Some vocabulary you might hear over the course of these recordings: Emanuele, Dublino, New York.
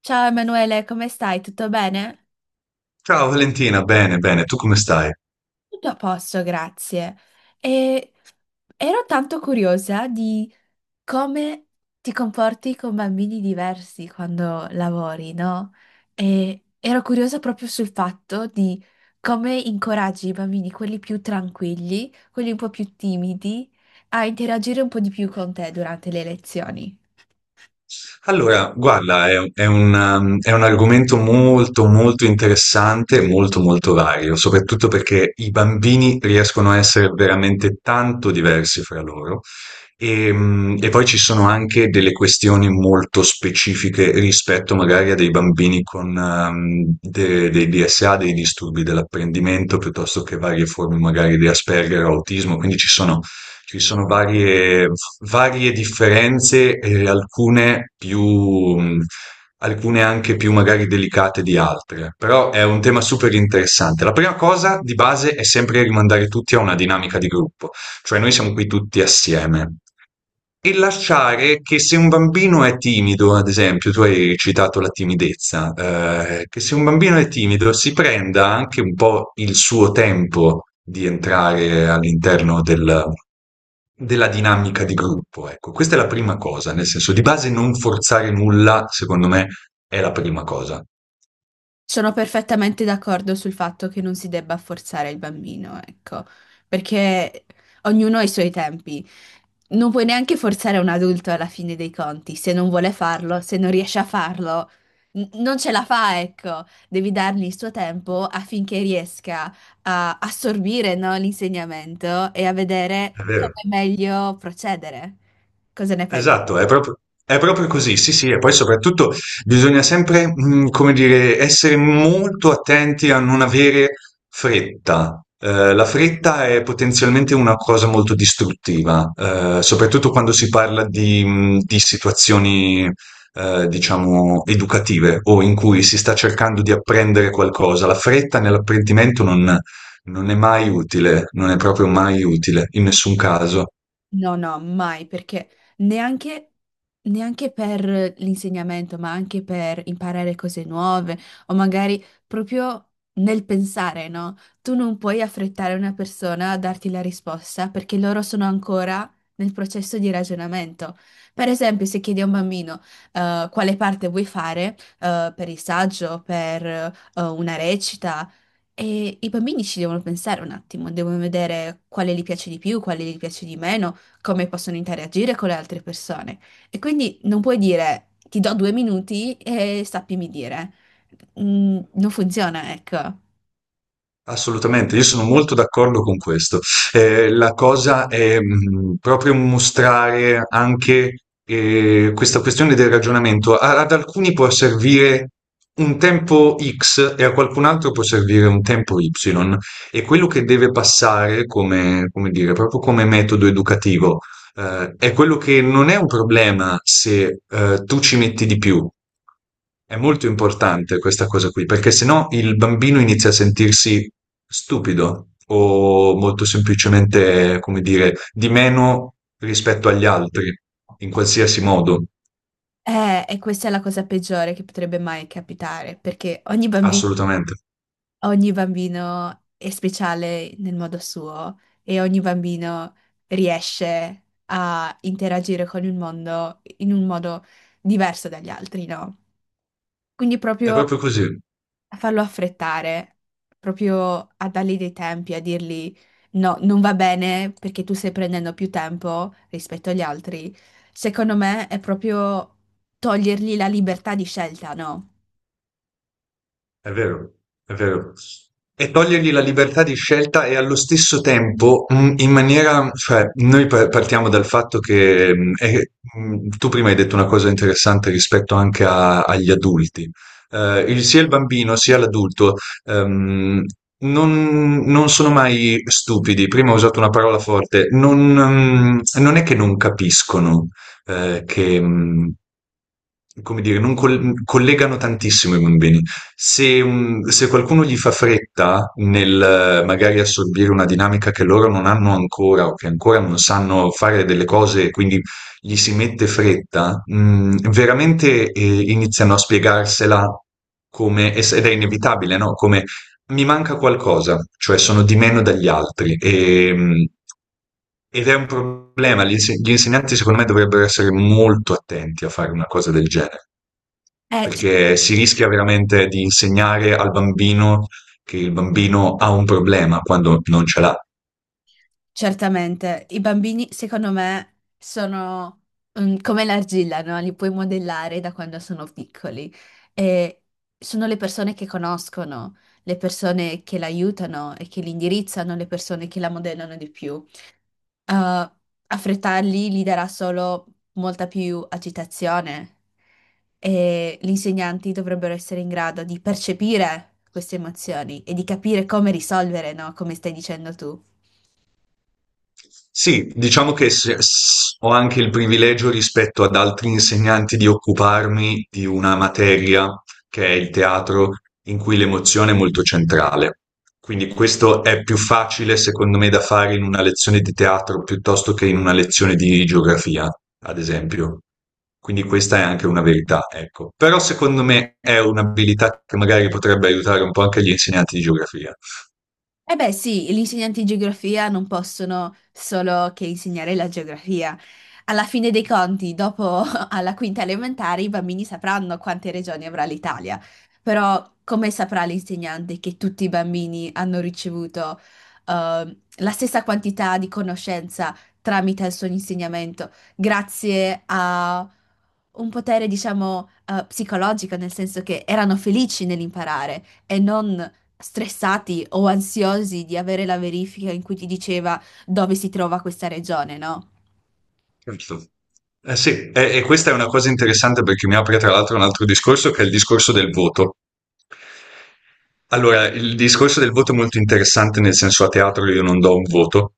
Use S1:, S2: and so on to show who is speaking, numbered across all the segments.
S1: Ciao Emanuele, come stai? Tutto bene?
S2: Ciao Valentina, bene, bene, tu come stai?
S1: Tutto a posto, grazie. E ero tanto curiosa di come ti comporti con bambini diversi quando lavori, no? E ero curiosa proprio sul fatto di come incoraggi i bambini, quelli più tranquilli, quelli un po' più timidi, a interagire un po' di più con te durante le lezioni.
S2: Allora, guarda, è un argomento molto, molto interessante, e molto, molto vario, soprattutto perché i bambini riescono a essere veramente tanto diversi fra loro. E, poi ci sono anche delle questioni molto specifiche rispetto magari a dei bambini con dei DSA, dei disturbi dell'apprendimento, piuttosto che varie forme magari di Asperger o autismo, quindi ci sono varie, varie differenze, alcune più, mh, alcune anche più magari delicate di altre, però è un tema super interessante. La prima cosa di base è sempre rimandare tutti a una dinamica di gruppo, cioè noi siamo qui tutti assieme. E lasciare che se un bambino è timido, ad esempio, tu hai citato la timidezza, che se un bambino è timido si prenda anche un po' il suo tempo di entrare all'interno del della dinamica di gruppo, ecco. Questa è la prima cosa, nel senso di base non forzare nulla, secondo me, è la prima cosa.
S1: Sono perfettamente d'accordo sul fatto che non si debba forzare il bambino, ecco, perché ognuno ha i suoi tempi. Non puoi neanche forzare un adulto alla fine dei conti, se non vuole farlo, se non riesce a farlo, non ce la fa, ecco. Devi dargli il suo tempo affinché riesca a assorbire, no, l'insegnamento e a vedere
S2: È vero.
S1: come meglio procedere. Cosa ne pensi?
S2: Esatto, è proprio così, sì, sì, e poi soprattutto bisogna sempre, come dire, essere molto attenti a non avere fretta. La fretta è potenzialmente una cosa molto distruttiva, soprattutto quando si parla di di situazioni, diciamo educative o in cui si sta cercando di apprendere qualcosa. La fretta nell'apprendimento non è mai utile, non è proprio mai utile, in nessun caso.
S1: No, no, mai, perché neanche, neanche per l'insegnamento, ma anche per imparare cose nuove o magari proprio nel pensare, no? Tu non puoi affrettare una persona a darti la risposta perché loro sono ancora nel processo di ragionamento. Per esempio, se chiedi a un bambino quale parte vuoi fare per il saggio, per una recita, e i bambini ci devono pensare un attimo, devono vedere quale gli piace di più, quale gli piace di meno, come possono interagire con le altre persone. E quindi non puoi dire ti do due minuti e sappimi dire. Non funziona, ecco.
S2: Assolutamente, io sono molto d'accordo con questo. La cosa è proprio mostrare anche questa questione del ragionamento. Ad alcuni può servire un tempo X e a qualcun altro può servire un tempo Y. E quello che deve passare come, come dire, proprio come metodo educativo è quello che non è un problema se tu ci metti di più. È molto importante questa cosa qui, perché sennò il bambino inizia a sentirsi stupido o molto semplicemente, come dire, di meno rispetto agli altri, in qualsiasi modo.
S1: E questa è la cosa peggiore che potrebbe mai capitare, perché ogni bambino
S2: Assolutamente.
S1: ogni bambino è speciale nel modo suo e ogni bambino riesce a interagire con il mondo in un modo diverso dagli altri, no? Quindi
S2: È proprio
S1: proprio
S2: così.
S1: a farlo affrettare, proprio a dargli dei tempi, a dirgli no, non va bene perché tu stai prendendo più tempo rispetto agli altri, secondo me è proprio togliergli la libertà di scelta, no?
S2: È vero, è vero. E togliergli la libertà di scelta e allo stesso tempo, in maniera, cioè, noi partiamo dal fatto che, tu prima hai detto una cosa interessante rispetto anche agli adulti. Sia il bambino sia l'adulto, ehm, non sono mai stupidi. Prima ho usato una parola forte, non è che non capiscono, che, come dire, non collegano tantissimo i bambini. Se, se qualcuno gli fa fretta nel magari assorbire una dinamica che loro non hanno ancora o che ancora non sanno fare delle cose, quindi gli si mette fretta, veramente iniziano a spiegarsela come, ed è inevitabile, no? Come mi manca qualcosa, cioè sono di meno dagli altri e, ed è un problema. Gli insegnanti secondo me dovrebbero essere molto attenti a fare una cosa del genere,
S1: Cioè.
S2: perché si rischia veramente di insegnare al bambino che il bambino ha un problema quando non ce l'ha.
S1: Certamente, i bambini secondo me sono come l'argilla, no? Li puoi modellare da quando sono piccoli e sono le persone che conoscono, le persone che l'aiutano e che li indirizzano, le persone che la modellano di più. Affrettarli gli darà solo molta più agitazione e gli insegnanti dovrebbero essere in grado di percepire queste emozioni e di capire come risolvere, no? Come stai dicendo tu.
S2: Sì, diciamo che ho anche il privilegio rispetto ad altri insegnanti di occuparmi di una materia che è il teatro, in cui l'emozione è molto centrale. Quindi questo è più facile, secondo me, da fare in una lezione di teatro piuttosto che in una lezione di geografia, ad esempio. Quindi questa è anche una verità, ecco. Però secondo me è un'abilità che magari potrebbe aiutare un po' anche gli insegnanti di geografia.
S1: Eh beh sì, gli insegnanti di geografia non possono solo che insegnare la geografia. Alla fine dei conti, dopo alla quinta elementare, i bambini sapranno quante regioni avrà l'Italia. Però come saprà l'insegnante che tutti i bambini hanno ricevuto la stessa quantità di conoscenza tramite il suo insegnamento, grazie a un potere, diciamo, psicologico, nel senso che erano felici nell'imparare e non stressati o ansiosi di avere la verifica in cui ti diceva dove si trova questa regione, no?
S2: Certo. Eh sì, e questa è una cosa interessante perché mi apre tra l'altro un altro discorso che è il discorso del voto. Allora, il discorso del voto è molto interessante, nel senso a teatro io non do un voto,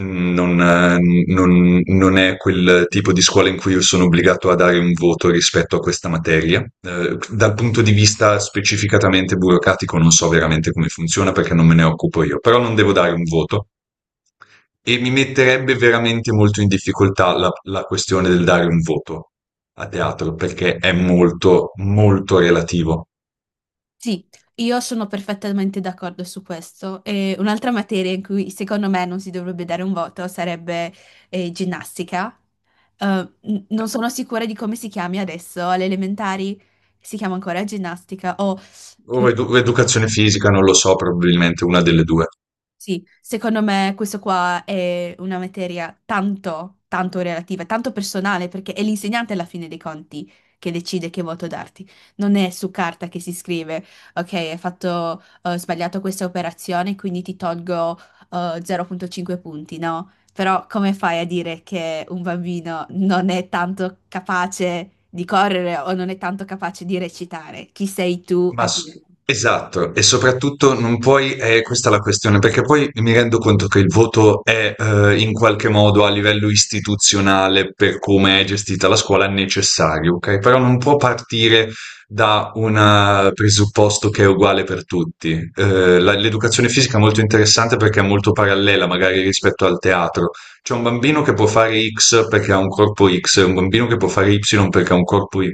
S2: mm, non è quel tipo di scuola in cui io sono obbligato a dare un voto rispetto a questa materia. Dal punto di vista specificatamente burocratico non so veramente come funziona perché non me ne occupo io, però non devo dare un voto. E mi metterebbe veramente molto in difficoltà la questione del dare un voto a teatro, perché è molto, molto relativo.
S1: Sì, io sono perfettamente d'accordo su questo. E un'altra materia in cui secondo me non si dovrebbe dare un voto sarebbe ginnastica. Eh,
S2: Eh,
S1: Non sono sicura di come si chiami adesso, alle elementari si chiama ancora ginnastica o...
S2: O educazione fisica, non lo so, probabilmente una delle due.
S1: Sì, secondo me questo qua è una materia tanto, tanto relativa, tanto personale, perché è l'insegnante alla fine dei conti che decide che voto darti. Non è su carta che si scrive, ok, hai fatto, sbagliato questa operazione, quindi ti tolgo, 0,5 punti, no? Però come fai a dire che un bambino non è tanto capace di correre o non è tanto capace di recitare? Chi sei tu
S2: Ma
S1: a
S2: s
S1: dire?
S2: Esatto, e soprattutto non puoi questa è la questione, perché poi mi rendo conto che il voto è, in qualche modo a livello istituzionale, per come è gestita la scuola, necessario, okay, però non può partire da un presupposto che è uguale per tutti. La l'educazione fisica è molto interessante perché è molto parallela, magari rispetto al teatro. C'è un bambino che può fare X perché ha un corpo X, e un bambino che può fare Y perché ha un corpo Y.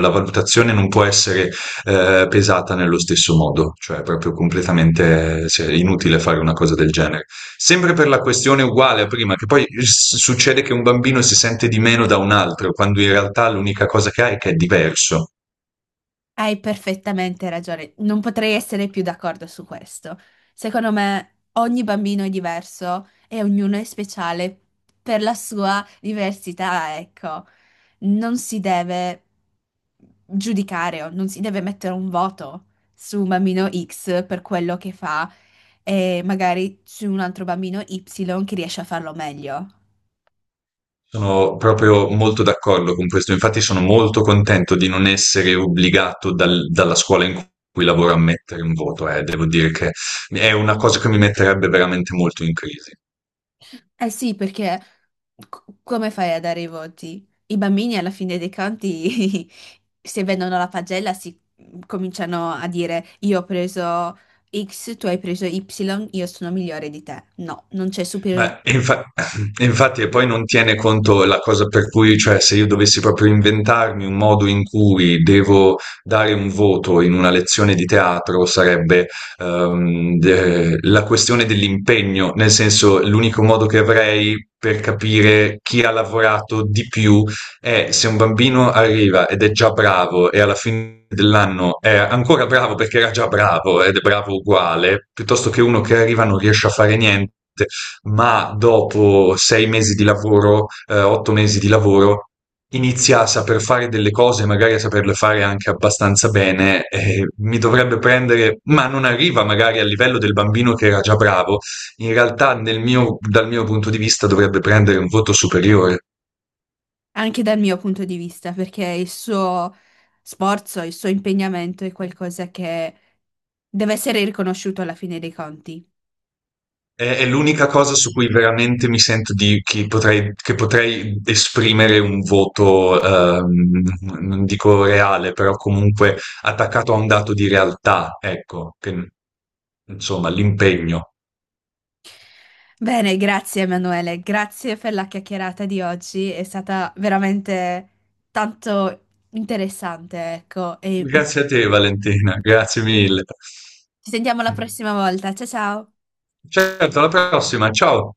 S2: La valutazione non può essere pesata nello stesso modo, cioè proprio completamente cioè, inutile fare una cosa del genere. Sempre per la questione uguale a prima, che poi succede che un bambino si sente di meno da un altro, quando in realtà l'unica cosa che ha è che è diverso.
S1: Hai perfettamente ragione, non potrei essere più d'accordo su questo. Secondo me ogni bambino è diverso e ognuno è speciale per la sua diversità, ecco. Non si deve giudicare o non si deve mettere un voto su un bambino X per quello che fa e magari su un altro bambino Y che riesce a farlo meglio.
S2: Sono proprio molto d'accordo con questo, infatti sono molto contento di non essere obbligato dalla scuola in cui lavoro a mettere un voto, eh. Devo dire che è una cosa che mi metterebbe veramente molto in crisi.
S1: Eh sì, perché come fai a dare i voti? I bambini alla fine dei conti, se vedono la pagella, si cominciano a dire io ho preso X, tu hai preso Y, io sono migliore di te. No, non c'è superiorità.
S2: Ma infa- infatti, e poi non tiene conto la cosa per cui, cioè, se io dovessi proprio inventarmi un modo in cui devo dare un voto in una lezione di teatro, sarebbe la questione dell'impegno, nel senso, l'unico modo che avrei per capire chi ha lavorato di più è se un bambino arriva ed è già bravo e alla fine dell'anno è ancora bravo perché era già bravo ed è bravo uguale, piuttosto che uno che arriva e non riesce a fare niente ma dopo 6 mesi di lavoro, 8 mesi di lavoro, inizia a saper fare delle cose, magari a saperle fare anche abbastanza bene, mi dovrebbe prendere, ma non arriva magari al livello del bambino che era già bravo. In realtà, dal mio punto di vista, dovrebbe prendere un voto superiore.
S1: Anche dal mio punto di vista, perché il suo sforzo, il suo impegnamento è qualcosa che deve essere riconosciuto alla fine dei conti.
S2: È l'unica cosa su cui veramente mi sento di, che potrei esprimere un voto, ehm, non dico reale, però comunque attaccato a un dato di realtà, ecco, insomma, l'impegno.
S1: Bene, grazie Emanuele, grazie per la chiacchierata di oggi, è stata veramente tanto interessante, ecco, e
S2: Grazie a te, Valentina, grazie mille.
S1: ci sentiamo la prossima volta. Ciao ciao!
S2: Certo, alla prossima, ciao.